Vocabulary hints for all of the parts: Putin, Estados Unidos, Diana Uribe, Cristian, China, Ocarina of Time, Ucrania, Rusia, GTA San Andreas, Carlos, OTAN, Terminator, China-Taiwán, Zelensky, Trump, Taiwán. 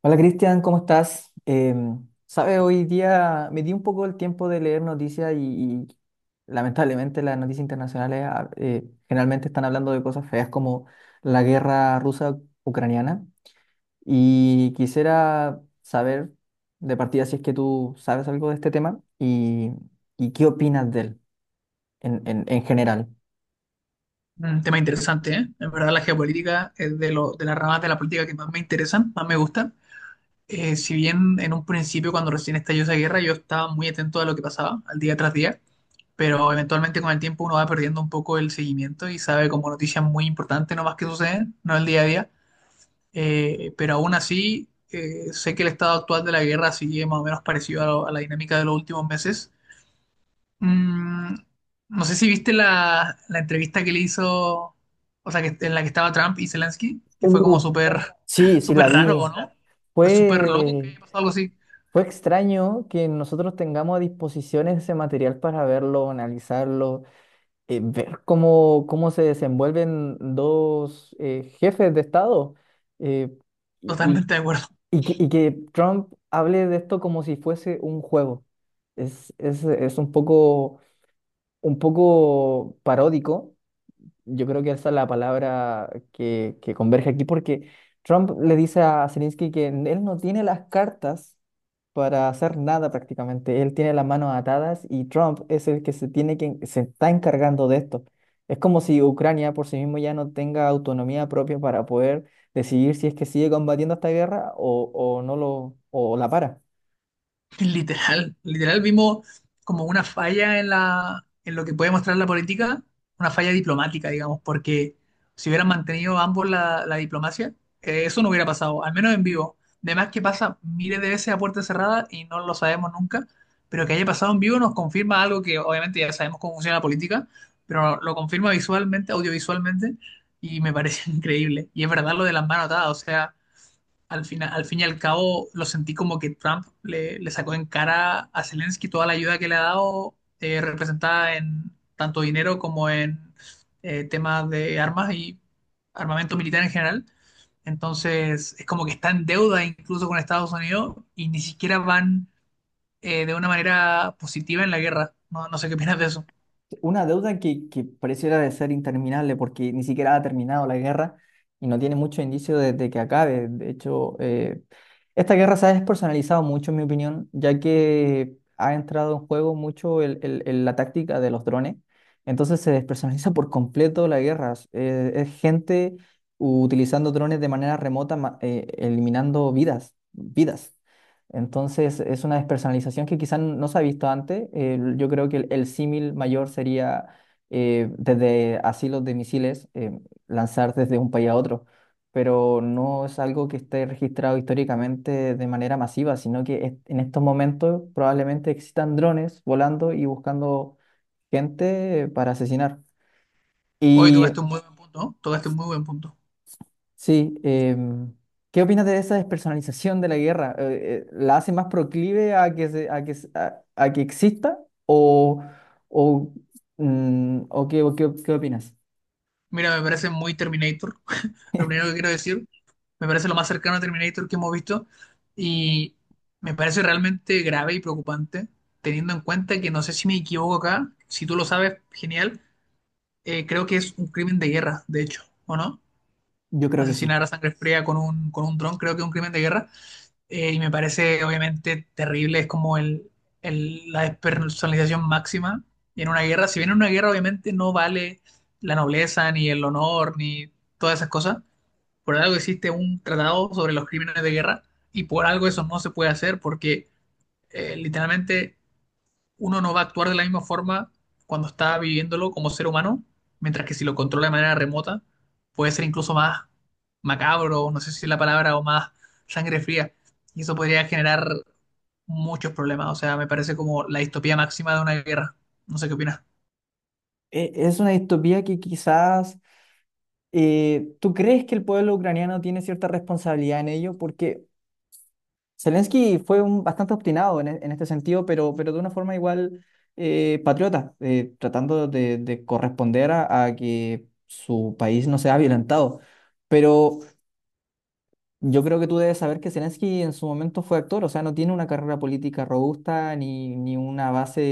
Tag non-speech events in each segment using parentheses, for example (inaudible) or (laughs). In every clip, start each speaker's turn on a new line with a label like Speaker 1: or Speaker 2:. Speaker 1: Hola Cristian, ¿cómo estás? Sabe, hoy día me di un poco el tiempo de leer noticias y lamentablemente las noticias internacionales generalmente están hablando de cosas feas como la guerra rusa-ucraniana y quisiera saber de partida si es que tú sabes algo de este tema y qué opinas de él en general.
Speaker 2: Un tema interesante, ¿eh? En verdad la geopolítica es de las ramas de la política que más me interesan, más me gustan. Si bien en un principio, cuando recién estalló esa guerra, yo estaba muy atento a lo que pasaba, al día tras día, pero eventualmente con el tiempo uno va perdiendo un poco el seguimiento y sabe como noticias muy importantes nomás que suceden, no el día a día. Pero aún así, sé que el estado actual de la guerra sigue más o menos parecido a, a la dinámica de los últimos meses. Mm, no sé si viste la entrevista que le hizo, o sea, que, en la que estaba Trump y Zelensky, que fue como
Speaker 1: Uh,
Speaker 2: súper,
Speaker 1: sí,
Speaker 2: (laughs)
Speaker 1: sí
Speaker 2: súper
Speaker 1: la
Speaker 2: raro,
Speaker 1: vi.
Speaker 2: ¿no? Fue súper loco que
Speaker 1: Fue
Speaker 2: haya pasado algo así.
Speaker 1: Fue extraño que nosotros tengamos a disposición ese material para verlo, analizarlo, ver cómo se desenvuelven dos jefes de Estado eh, y,
Speaker 2: Totalmente de acuerdo.
Speaker 1: y que Trump hable de esto como si fuese un juego. Es un un poco paródico, yo creo que esa es la palabra que converge aquí, porque Trump le dice a Zelensky que él no tiene las cartas para hacer nada prácticamente. Él tiene las manos atadas y Trump es el que se está encargando de esto. Es como si Ucrania por sí mismo ya no tenga autonomía propia para poder decidir si es que sigue combatiendo esta guerra o no lo, o la para.
Speaker 2: Literal, literal vimos como una falla en la, en lo que puede mostrar la política, una falla diplomática, digamos, porque si hubieran mantenido ambos la diplomacia, eso no hubiera pasado, al menos en vivo. Además que pasa miles de veces a puerta cerrada y no lo sabemos nunca, pero que haya pasado en vivo nos confirma algo que obviamente ya sabemos cómo funciona la política, pero lo confirma visualmente, audiovisualmente, y me parece (laughs) increíble. Y es verdad lo de las manos atadas, o sea al final, al fin y al cabo, lo sentí como que Trump le sacó en cara a Zelensky toda la ayuda que le ha dado, representada en tanto dinero como en temas de armas y armamento militar en general. Entonces, es como que está en deuda incluso con Estados Unidos y ni siquiera van de una manera positiva en la guerra. No, no sé qué opinas de eso.
Speaker 1: Una deuda que pareciera de ser interminable porque ni siquiera ha terminado la guerra y no tiene mucho indicio de que acabe. De hecho, esta guerra se ha despersonalizado mucho, en mi opinión, ya que ha entrado en juego mucho la táctica de los drones. Entonces se despersonaliza por completo la guerra. Es gente utilizando drones de manera remota, eliminando vidas. Entonces es una despersonalización que quizás no se ha visto antes. Yo creo que el símil mayor sería desde asilos de misiles lanzar desde un país a otro, pero no es algo que esté registrado históricamente de manera masiva, sino que en estos momentos probablemente existan drones volando y buscando gente para asesinar.
Speaker 2: Hoy
Speaker 1: Y
Speaker 2: tocaste un muy buen punto, ¿no? Tocaste un muy buen punto.
Speaker 1: Sí, ¿qué opinas de esa despersonalización de la guerra? ¿La hace más proclive a a que exista? ¿O, o, mm, o qué, ¿Qué opinas?
Speaker 2: Mira, me parece muy Terminator, (laughs) lo primero
Speaker 1: (laughs)
Speaker 2: que quiero decir. Me parece lo más cercano a Terminator que hemos visto y me parece realmente grave y preocupante, teniendo en cuenta que no sé si me equivoco acá, si tú lo sabes, genial, creo que es un crimen de guerra, de hecho, ¿o no?
Speaker 1: Yo creo que sí.
Speaker 2: Asesinar a sangre fría con un dron, creo que es un crimen de guerra y me parece obviamente terrible, es como el, la despersonalización máxima en una guerra. Si bien en una guerra obviamente no vale la nobleza, ni el honor, ni todas esas cosas, por algo existe un tratado sobre los crímenes de guerra y por algo eso no se puede hacer porque literalmente uno no va a actuar de la misma forma cuando está viviéndolo como ser humano, mientras que si lo controla de manera remota puede ser incluso más macabro, no sé si es la palabra, o más sangre fría. Y eso podría generar muchos problemas. O sea, me parece como la distopía máxima de una guerra. No sé qué opinas.
Speaker 1: E- Es una distopía que quizás, tú crees que el pueblo ucraniano tiene cierta responsabilidad en ello, porque Zelensky fue un, bastante obstinado en este sentido, pero de una forma igual patriota, tratando de corresponder a que su país no sea violentado. Pero yo creo que tú debes saber que Zelensky en su momento fue actor, o sea, no tiene una carrera política robusta, ni una base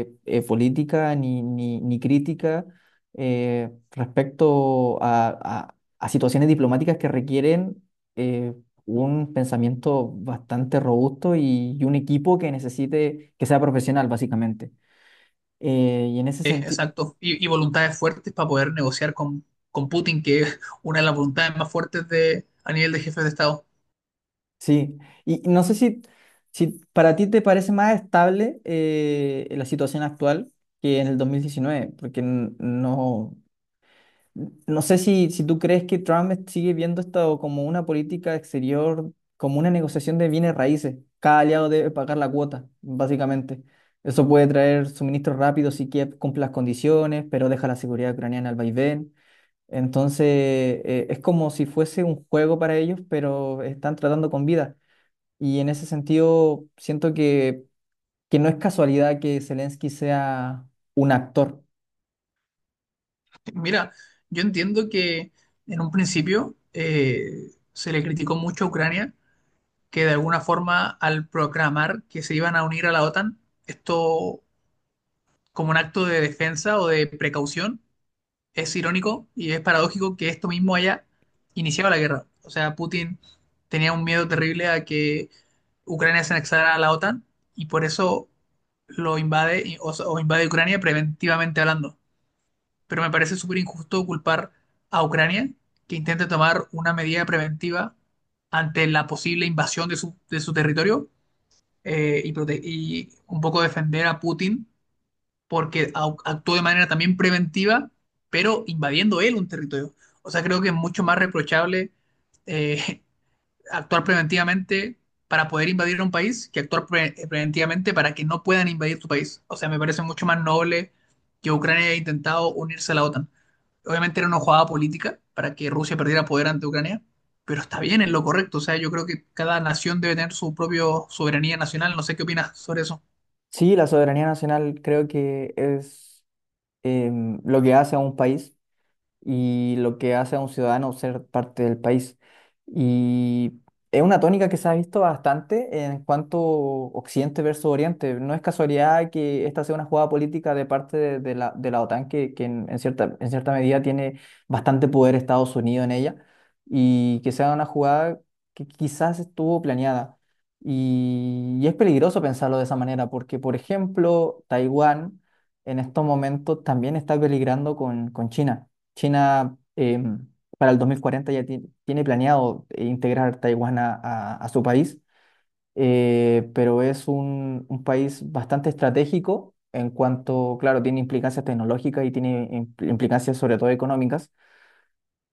Speaker 1: política, ni crítica respecto a- a situaciones diplomáticas que requieren eh, un pensamiento bastante robusto y un equipo que necesite que sea profesional, básicamente. Eh, y en ese sentido,
Speaker 2: Exacto, y voluntades fuertes para poder negociar con Putin, que es una de las voluntades más fuertes de, a nivel de jefes de Estado.
Speaker 1: Sí, y no sé si para ti te parece más estable la situación actual que en el 2019 porque no, no sé si tú crees que Trump sigue viendo esto como una política exterior, como una negociación de bienes raíces. Cada aliado debe pagar la cuota, básicamente. Eso puede traer suministros rápidos si Kiev cumple las condiciones, pero deja la seguridad ucraniana al vaivén. Entonces, es como si fuese un juego para ellos, pero están tratando con vida. Y en ese sentido, siento que no es casualidad que Zelensky sea un actor.
Speaker 2: Mira, yo entiendo que en un principio se le criticó mucho a Ucrania que de alguna forma al proclamar que se iban a unir a la OTAN, esto como un acto de defensa o de precaución, es irónico y es paradójico que esto mismo haya iniciado la guerra. O sea, Putin tenía un miedo terrible a que Ucrania se anexara a la OTAN y por eso lo invade o invade Ucrania preventivamente hablando. Pero me parece súper injusto culpar a Ucrania que intente tomar una medida preventiva ante la posible invasión de su territorio y, y un poco defender a Putin porque actuó de manera también preventiva, pero invadiendo él un territorio. O sea, creo que es mucho más reprochable eh, (laughs) actuar preventivamente para poder invadir un país que actuar preventivamente para que no puedan invadir tu país. O sea, me parece mucho más noble que Ucrania haya intentado unirse a la OTAN. Obviamente era una jugada política para que Rusia perdiera poder ante Ucrania, pero está bien, es lo correcto. O sea, yo creo que cada nación debe tener su propia soberanía nacional. No sé qué opinas sobre eso.
Speaker 1: Sí, la soberanía nacional creo que es lo que hace a un país, y lo que hace a un ciudadano ser parte del país. Y es una tónica que se ha visto bastante en cuanto Occidente versus Oriente. No es casualidad que esta sea una jugada política de de la OTAN, que en cierta medida tiene bastante poder Estados Unidos en ella, y que sea una jugada que quizás estuvo planeada. Y es peligroso pensarlo de esa manera, porque, por ejemplo, Taiwán en estos momentos también está peligrando con China. China para el 2040 ya tiene planeado integrar Taiwán a su país, pero es un país bastante estratégico en cuanto, claro, tiene implicancias tecnológicas y tiene implicancias sobre todo económicas.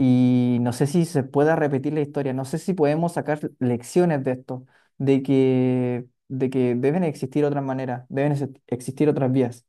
Speaker 1: Y no sé si se pueda repetir la historia, no sé si podemos sacar lecciones de esto, de que deben existir otras maneras, deben existir otras vías.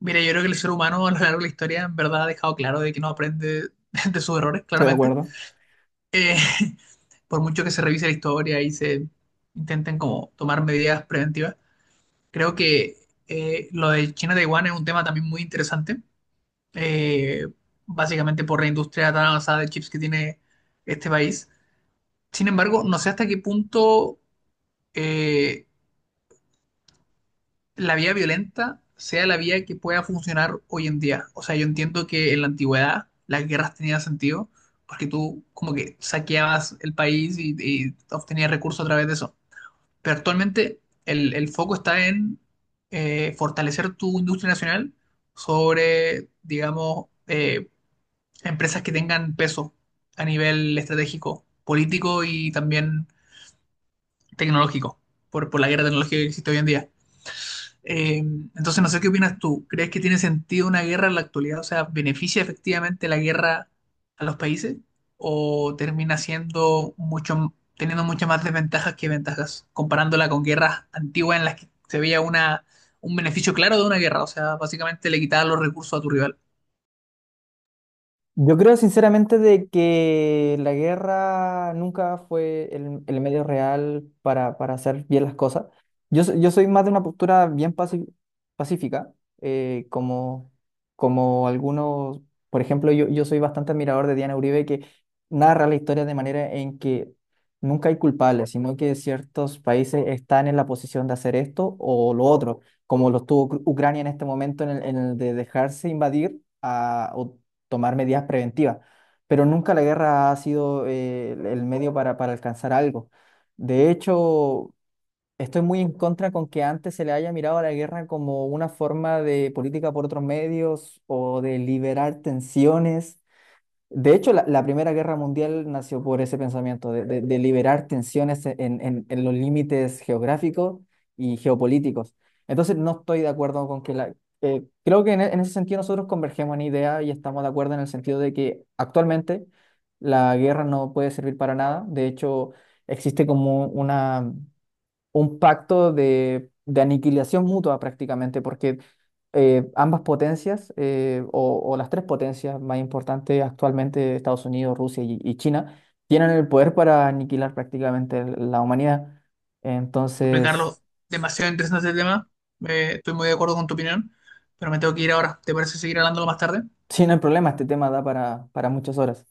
Speaker 2: Mira, yo creo que el ser humano a lo largo de la historia en verdad ha dejado claro de que no aprende (laughs) de sus errores,
Speaker 1: ¿Estoy de
Speaker 2: claramente.
Speaker 1: acuerdo?
Speaker 2: Eh, (laughs) por mucho que se revise la historia y se intenten como tomar medidas preventivas, creo que lo de China-Taiwán es un tema también muy interesante, eh, básicamente por la industria tan avanzada de chips que tiene este país. Sin embargo, no sé hasta qué punto eh, la vía violenta sea la vía que pueda funcionar hoy en día. O sea, yo entiendo que en la antigüedad las guerras tenían sentido porque tú como que saqueabas el país y obtenías recursos a través de eso. Pero actualmente el foco está en fortalecer tu industria nacional sobre, digamos, empresas que tengan peso a nivel estratégico, político y también tecnológico, por la guerra tecnológica que existe hoy en día. Eh, entonces, no sé qué opinas tú. ¿Crees que tiene sentido una guerra en la actualidad? O sea, ¿beneficia efectivamente la guerra a los países? ¿O termina siendo mucho, teniendo muchas más desventajas que ventajas, comparándola con guerras antiguas en las que se veía una, un beneficio claro de una guerra? O sea, básicamente le quitaba los recursos a tu rival.
Speaker 1: Yo creo sinceramente de que la guerra nunca fue el medio real para hacer bien las cosas. Yo, yo soy más de una postura bien pacífica, como, como algunos, por ejemplo, yo soy bastante admirador de Diana Uribe, que narra la historia de manera en que nunca hay culpables, sino que ciertos países están en la posición de hacer esto o lo otro, como lo estuvo Ucrania en este momento en en el de dejarse invadir, tomar medidas preventivas, pero nunca la guerra ha sido el medio para alcanzar algo. De hecho, estoy muy en contra con que antes se le haya mirado a la guerra como una forma de política por otros medios o de liberar tensiones. De hecho, la Primera Guerra Mundial nació por ese pensamiento de liberar tensiones en los límites geográficos y geopolíticos. Entonces, no estoy de acuerdo con que la... creo que en ese sentido nosotros convergemos en idea y estamos de acuerdo en el sentido de que actualmente la guerra no puede servir para nada. De hecho, existe como una un pacto de aniquilación mutua prácticamente, porque ambas potencias, o las tres potencias más importantes actualmente, Estados Unidos, Rusia y China, tienen el poder para aniquilar prácticamente la humanidad.
Speaker 2: Porque,
Speaker 1: Entonces,
Speaker 2: Carlos, demasiado interesante el tema. Estoy muy de acuerdo con tu opinión, pero me tengo que ir ahora. ¿Te parece seguir hablándolo más tarde?
Speaker 1: sí, no hay problema, este tema da para muchas horas.